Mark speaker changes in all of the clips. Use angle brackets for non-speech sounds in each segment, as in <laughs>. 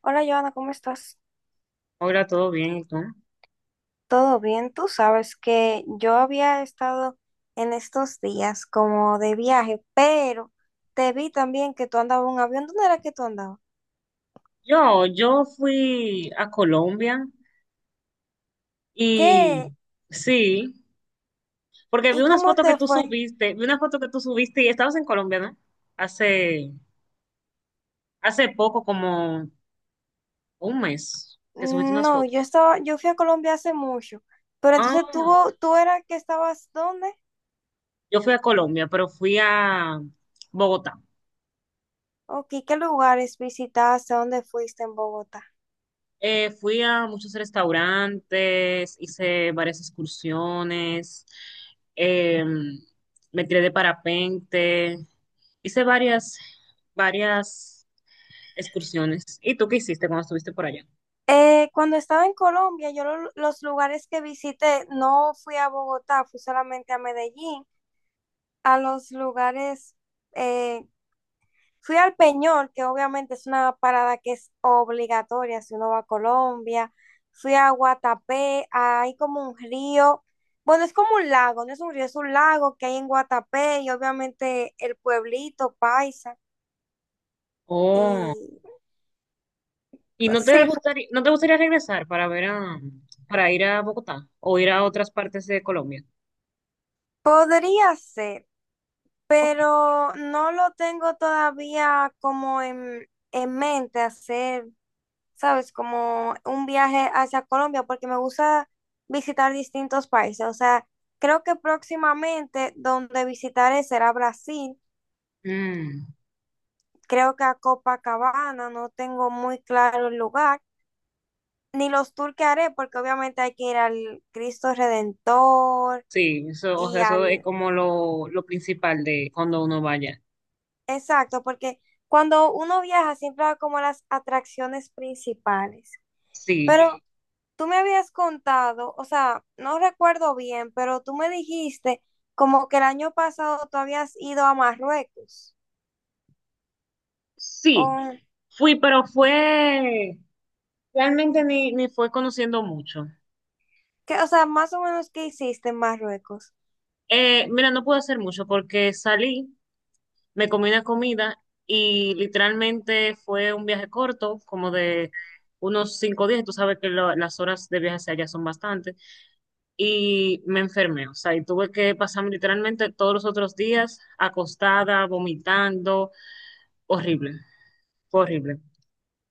Speaker 1: Hola, Joana, ¿cómo estás?
Speaker 2: Hola, ¿todo bien? ¿Y tú?
Speaker 1: ¿Todo bien? Tú sabes que yo había estado en estos días como de viaje, pero te vi también que tú andabas en un avión. ¿Dónde era que tú andabas?
Speaker 2: Yo fui a Colombia y
Speaker 1: ¿Qué?
Speaker 2: sí, porque vi
Speaker 1: ¿Y
Speaker 2: unas
Speaker 1: cómo
Speaker 2: fotos que
Speaker 1: te
Speaker 2: tú
Speaker 1: fue?
Speaker 2: subiste, vi una foto que tú subiste y estabas en Colombia, ¿no? Hace, hace poco, como un mes, que subiste unas
Speaker 1: No,
Speaker 2: fotos.
Speaker 1: yo estaba, yo fui a Colombia hace mucho, pero entonces
Speaker 2: Ah,
Speaker 1: tú era que estabas ¿dónde?
Speaker 2: yo fui a Colombia, pero fui a Bogotá.
Speaker 1: ¿O qué, qué lugares visitaste? ¿Dónde fuiste en Bogotá?
Speaker 2: Fui a muchos restaurantes, hice varias excursiones, eh, me tiré de parapente, hice varias excursiones. ¿Y tú qué hiciste cuando estuviste por allá?
Speaker 1: Cuando estaba en Colombia, yo los lugares que visité, no fui a Bogotá, fui solamente a Medellín, a los lugares, eh, fui al Peñol, que obviamente es una parada que es obligatoria si uno va a Colombia. Fui a Guatapé, hay como un río, bueno, es como un lago, no es un río, es un lago que hay en Guatapé, y obviamente el pueblito Paisa.
Speaker 2: Oh,
Speaker 1: Y
Speaker 2: ¿y no
Speaker 1: sí,
Speaker 2: te gustaría regresar para para ir a Bogotá o ir a otras partes de Colombia?
Speaker 1: podría ser,
Speaker 2: Ok.
Speaker 1: pero no lo tengo todavía como en mente hacer, ¿sabes? Como un viaje hacia Colombia, porque me gusta visitar distintos países. O sea, creo que próximamente donde visitaré será Brasil.
Speaker 2: Mm,
Speaker 1: Creo que a Copacabana no tengo muy claro el lugar, ni los tours que haré, porque obviamente hay que ir al Cristo Redentor
Speaker 2: sí, eso, o
Speaker 1: y
Speaker 2: sea, eso es
Speaker 1: al...
Speaker 2: como lo principal de cuando uno vaya.
Speaker 1: Exacto, porque cuando uno viaja siempre va como a las atracciones principales.
Speaker 2: Sí.
Speaker 1: Pero tú me habías contado, o sea, no recuerdo bien, pero tú me dijiste como que el año pasado tú habías ido a Marruecos.
Speaker 2: Sí,
Speaker 1: O,
Speaker 2: pero realmente ni fue conociendo mucho.
Speaker 1: que, o sea, más o menos qué hiciste en Marruecos.
Speaker 2: Mira, no pude hacer mucho porque salí, me comí una comida y literalmente fue un viaje corto, como de unos 5 días. Tú sabes que las horas de viaje hacia allá son bastantes. Y me enfermé, o sea, y tuve que pasarme literalmente todos los otros días acostada, vomitando, horrible, fue horrible.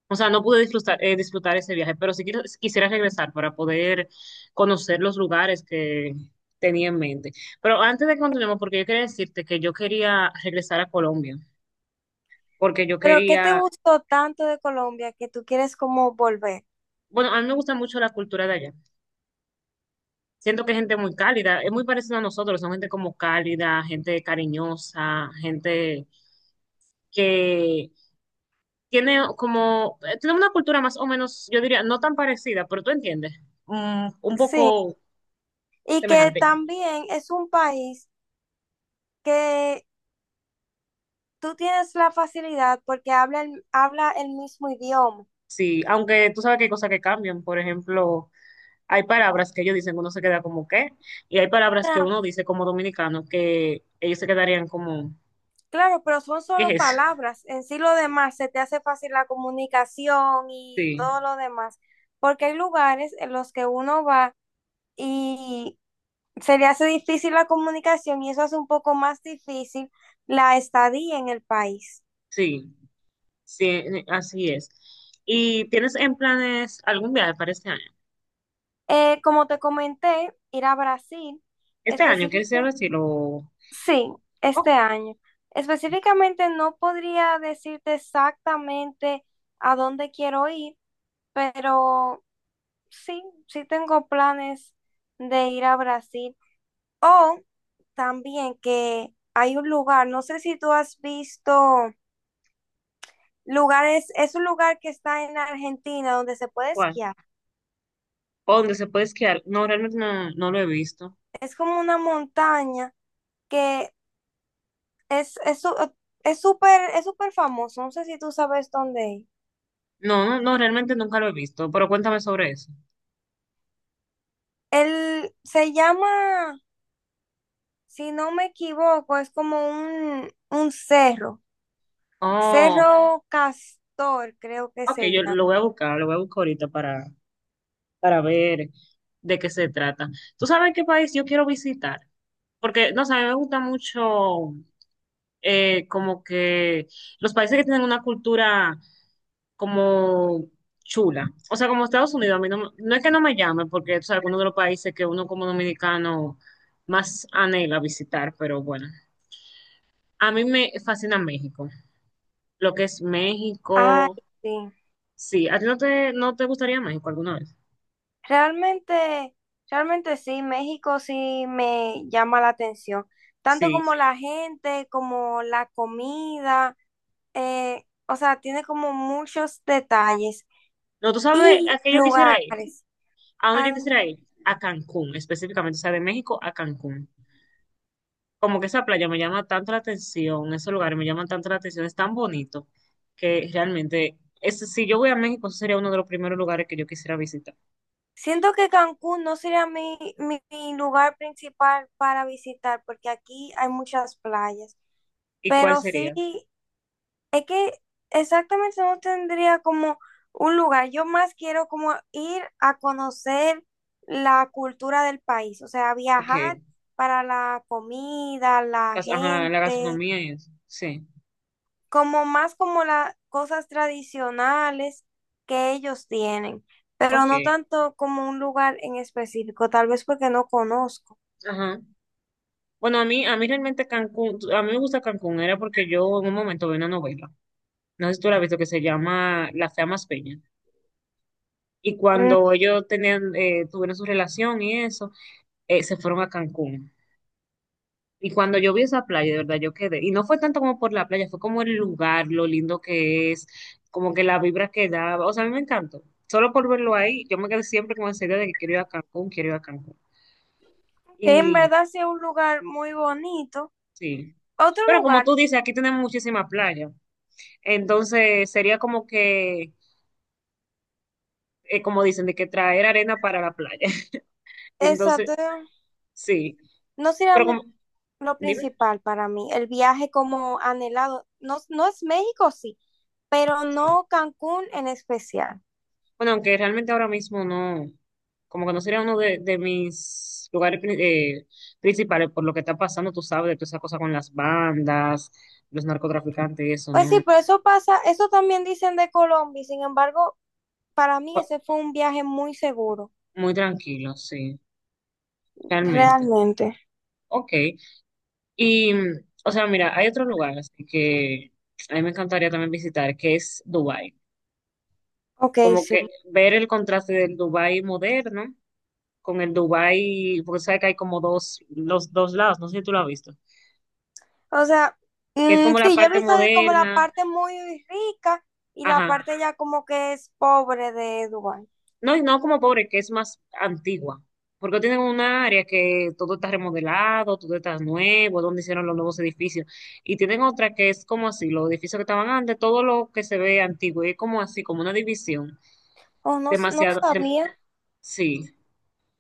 Speaker 2: O sea, no pude disfrutar, disfrutar ese viaje, pero sí quisiera regresar para poder conocer los lugares que tenía en mente. Pero antes de que continuemos, porque yo quería decirte que yo quería regresar a Colombia, porque yo
Speaker 1: Pero ¿qué
Speaker 2: quería,
Speaker 1: te gustó tanto de Colombia que tú quieres como volver?
Speaker 2: bueno, a mí me gusta mucho la cultura de allá. Siento que es gente muy cálida, es muy parecida a nosotros, son gente como cálida, gente cariñosa, gente que tiene como, tiene una cultura más o menos, yo diría, no tan parecida, pero tú entiendes, mm, un
Speaker 1: Sí,
Speaker 2: poco
Speaker 1: y que
Speaker 2: semejante.
Speaker 1: también es un país que tú tienes la facilidad porque habla el mismo idioma.
Speaker 2: Sí, aunque tú sabes que hay cosas que cambian. Por ejemplo, hay palabras que ellos dicen, uno se queda como ¿qué? Y hay palabras que uno dice como dominicano que ellos se quedarían como
Speaker 1: Claro, pero son
Speaker 2: ¿qué
Speaker 1: solo
Speaker 2: es eso?
Speaker 1: palabras. En sí lo
Speaker 2: Sí,
Speaker 1: demás se te hace fácil la comunicación y
Speaker 2: sí,
Speaker 1: todo lo demás, porque hay lugares en los que uno va y se le hace difícil la comunicación y eso hace un poco más difícil la estadía en el país.
Speaker 2: sí, sí, así es. ¿Y tienes en planes algún viaje para este año?
Speaker 1: Como te comenté, ir a Brasil,
Speaker 2: Este año, ¿quieres ir a
Speaker 1: específicamente,
Speaker 2: Brasil o
Speaker 1: sí,
Speaker 2: ok,
Speaker 1: este año. Específicamente no podría decirte exactamente a dónde quiero ir, pero sí, tengo planes de ir a Brasil. O también que hay un lugar, no sé si tú has visto lugares, es un lugar que está en Argentina donde se puede
Speaker 2: ¿cuál?
Speaker 1: esquiar.
Speaker 2: ¿O dónde se puede esquiar? No, realmente no lo he visto.
Speaker 1: Es como una montaña que es es su- es súper famoso, no sé si tú sabes dónde es.
Speaker 2: No, no, no, realmente nunca lo he visto, pero cuéntame sobre eso.
Speaker 1: Él se llama, si no me equivoco, es como un cerro,
Speaker 2: Oh,
Speaker 1: Cerro Castor, creo que
Speaker 2: ok,
Speaker 1: se
Speaker 2: yo lo
Speaker 1: llama.
Speaker 2: voy a buscar, lo voy a buscar ahorita para. Para ver de qué se trata. ¿Tú sabes qué país yo quiero visitar? Porque, no sé, a mí me gusta mucho como que los países que tienen una cultura como chula. O sea, como Estados Unidos, a mí no es que no me llame, porque es alguno de los países que uno como dominicano más anhela visitar, pero bueno. A mí me fascina México, lo que es
Speaker 1: Ay,
Speaker 2: México.
Speaker 1: sí.
Speaker 2: Sí, ¿a ti no no te gustaría México alguna vez?
Speaker 1: Realmente, realmente sí, México sí me llama la atención, tanto
Speaker 2: Sí.
Speaker 1: como la gente, como la comida, o sea, tiene como muchos detalles
Speaker 2: No, tú sabes
Speaker 1: y
Speaker 2: a qué yo quisiera ir.
Speaker 1: lugares
Speaker 2: ¿A dónde
Speaker 1: a
Speaker 2: yo
Speaker 1: donde...
Speaker 2: quisiera ir? A Cancún, específicamente, o sea, de México a Cancún. Como que esa playa me llama tanto la atención, esos lugares me llaman tanto la atención, es tan bonito que realmente, es, si yo voy a México, ese sería uno de los primeros lugares que yo quisiera visitar.
Speaker 1: Siento que Cancún no sería mi lugar principal para visitar, porque aquí hay muchas playas,
Speaker 2: ¿Y cuál
Speaker 1: pero sí...
Speaker 2: sería?
Speaker 1: Es que exactamente no tendría como un lugar. Yo más quiero como ir a conocer la cultura del país, o sea,
Speaker 2: Ok,
Speaker 1: viajar para la comida, la
Speaker 2: ajá, la
Speaker 1: gente,
Speaker 2: gastronomía y eso. Sí,
Speaker 1: como más como las cosas tradicionales que ellos tienen, pero
Speaker 2: ok,
Speaker 1: no tanto como un lugar en específico, tal vez porque no conozco.
Speaker 2: ajá. Bueno, a mí realmente Cancún, a mí me gusta Cancún, era porque yo en un momento vi una novela, no sé si tú la has visto, que se llama La Fea Más Peña. Y
Speaker 1: Mm.
Speaker 2: cuando ellos tenían, tuvieron su relación y eso, se fueron a Cancún. Y cuando yo vi esa playa, de verdad, yo quedé. Y no fue tanto como por la playa, fue como el lugar, lo lindo que es, como que la vibra que daba. O sea, a mí me encantó. Solo por verlo ahí, yo me quedé siempre con esa idea de que quiero ir a Cancún, quiero ir a Cancún.
Speaker 1: Que en
Speaker 2: Y
Speaker 1: verdad sea un lugar muy bonito.
Speaker 2: sí.
Speaker 1: Otro
Speaker 2: Pero como
Speaker 1: lugar,
Speaker 2: tú dices, aquí tenemos muchísima playa. Entonces sería como que, como dicen, de que traer arena para la playa. <laughs> Entonces,
Speaker 1: exacto,
Speaker 2: sí.
Speaker 1: no sería
Speaker 2: Pero
Speaker 1: mi...
Speaker 2: como,
Speaker 1: Lo
Speaker 2: dime.
Speaker 1: principal para mí, el viaje como anhelado, no, no es México, sí, pero
Speaker 2: Sí.
Speaker 1: no Cancún en especial.
Speaker 2: Bueno, aunque realmente ahora mismo no, como que no sería uno de mis lugares principales por lo que está pasando, tú sabes, de toda esa cosa con las bandas, los narcotraficantes y eso,
Speaker 1: Pues
Speaker 2: ¿no?
Speaker 1: sí, pero eso pasa, eso también dicen de Colombia, y sin embargo, para mí
Speaker 2: Fu-
Speaker 1: ese fue un viaje muy seguro,
Speaker 2: Muy tranquilo, sí, realmente.
Speaker 1: realmente.
Speaker 2: Ok. Y, mm, o sea, mira, hay otro lugar así que a mí me encantaría también visitar, que es Dubái.
Speaker 1: Ok,
Speaker 2: Como
Speaker 1: sí.
Speaker 2: que ver el contraste del Dubái moderno con el Dubái, porque sabes que hay como dos, los dos lados, no sé si tú lo has visto,
Speaker 1: O sea,
Speaker 2: que es
Speaker 1: mm,
Speaker 2: como la
Speaker 1: sí, yo he
Speaker 2: parte
Speaker 1: visto de como la
Speaker 2: moderna.
Speaker 1: parte muy rica y la
Speaker 2: Ajá.
Speaker 1: parte ya como que es pobre de Dubái.
Speaker 2: No, y no como pobre, que es más antigua. Porque tienen un área que todo está remodelado, todo está nuevo, donde hicieron los nuevos edificios. Y tienen otra que es como así, los edificios que estaban antes, todo lo que se ve antiguo. Y es como así, como una división.
Speaker 1: Oh, no, no
Speaker 2: Demasiado,
Speaker 1: sabía.
Speaker 2: sí.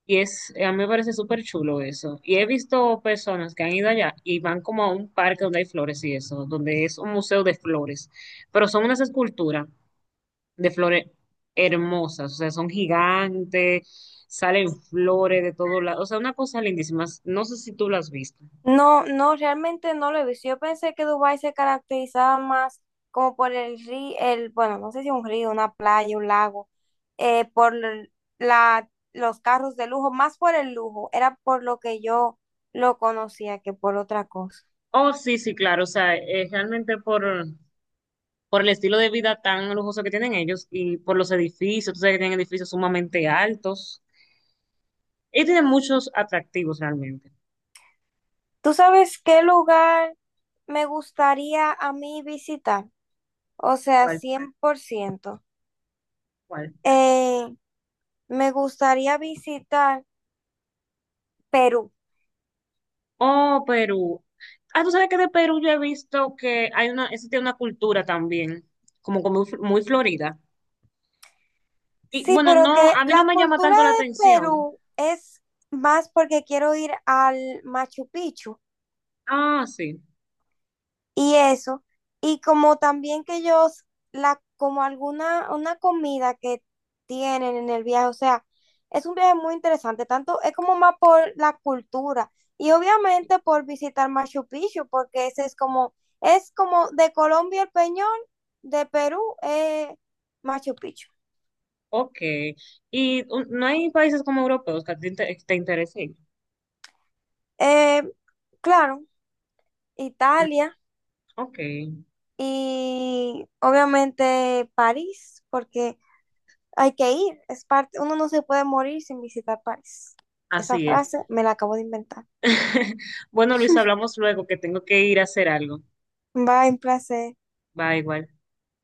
Speaker 2: Y es, a mí me parece súper chulo eso. Y he visto personas que han ido allá y van como a un parque donde hay flores y eso, donde es un museo de flores. Pero son unas esculturas de flores hermosas, o sea, son gigantes, salen flores de todos lados, o sea, una cosa lindísima, no sé si tú las has visto.
Speaker 1: No, no, realmente no lo he visto. Yo pensé que Dubái se caracterizaba más como por el río, el, bueno, no sé si un río, una playa, un lago, eh, por l- la, los carros de lujo, más por el lujo, era por lo que yo lo conocía que por otra cosa.
Speaker 2: Oh, sí, sí, claro, o sea, realmente por el estilo de vida tan lujoso que tienen ellos y por los edificios, tú sabes que tienen edificios sumamente altos, y tienen muchos atractivos realmente.
Speaker 1: ¿Tú sabes qué lugar me gustaría a mí visitar? O sea,
Speaker 2: ¿Cuál?
Speaker 1: cien por ciento...
Speaker 2: ¿Cuál?
Speaker 1: Eh, Me gustaría visitar Perú.
Speaker 2: Oh, Perú. Ah, tú sabes que de Perú yo he visto que hay una, existe una cultura también, como, como muy florida. Y
Speaker 1: Sí,
Speaker 2: bueno,
Speaker 1: pero
Speaker 2: no,
Speaker 1: que
Speaker 2: a mí no
Speaker 1: la
Speaker 2: me llama
Speaker 1: cultura
Speaker 2: tanto la
Speaker 1: de
Speaker 2: atención.
Speaker 1: Perú es más porque quiero ir al Machu Picchu
Speaker 2: Ah, sí,
Speaker 1: y eso. Y como también que ellos, la, como alguna, una comida que tienen en el viaje, o sea, es un viaje muy interesante, tanto es como más por la cultura y obviamente por visitar Machu Picchu, porque ese es como de Colombia el Peñón, de Perú, Machu Picchu.
Speaker 2: ok. Y un- no hay países como europeos que a ti te interesen.
Speaker 1: Eh, claro,
Speaker 2: Mm,
Speaker 1: Italia.
Speaker 2: ok,
Speaker 1: Y obviamente París, porque hay que ir, es parte, uno no se puede morir sin visitar París. Esa
Speaker 2: así es.
Speaker 1: frase me la acabo de inventar.
Speaker 2: <laughs> Bueno, Luis,
Speaker 1: <laughs>
Speaker 2: hablamos luego que tengo que ir a hacer algo.
Speaker 1: Bye, un placer.
Speaker 2: Va igual.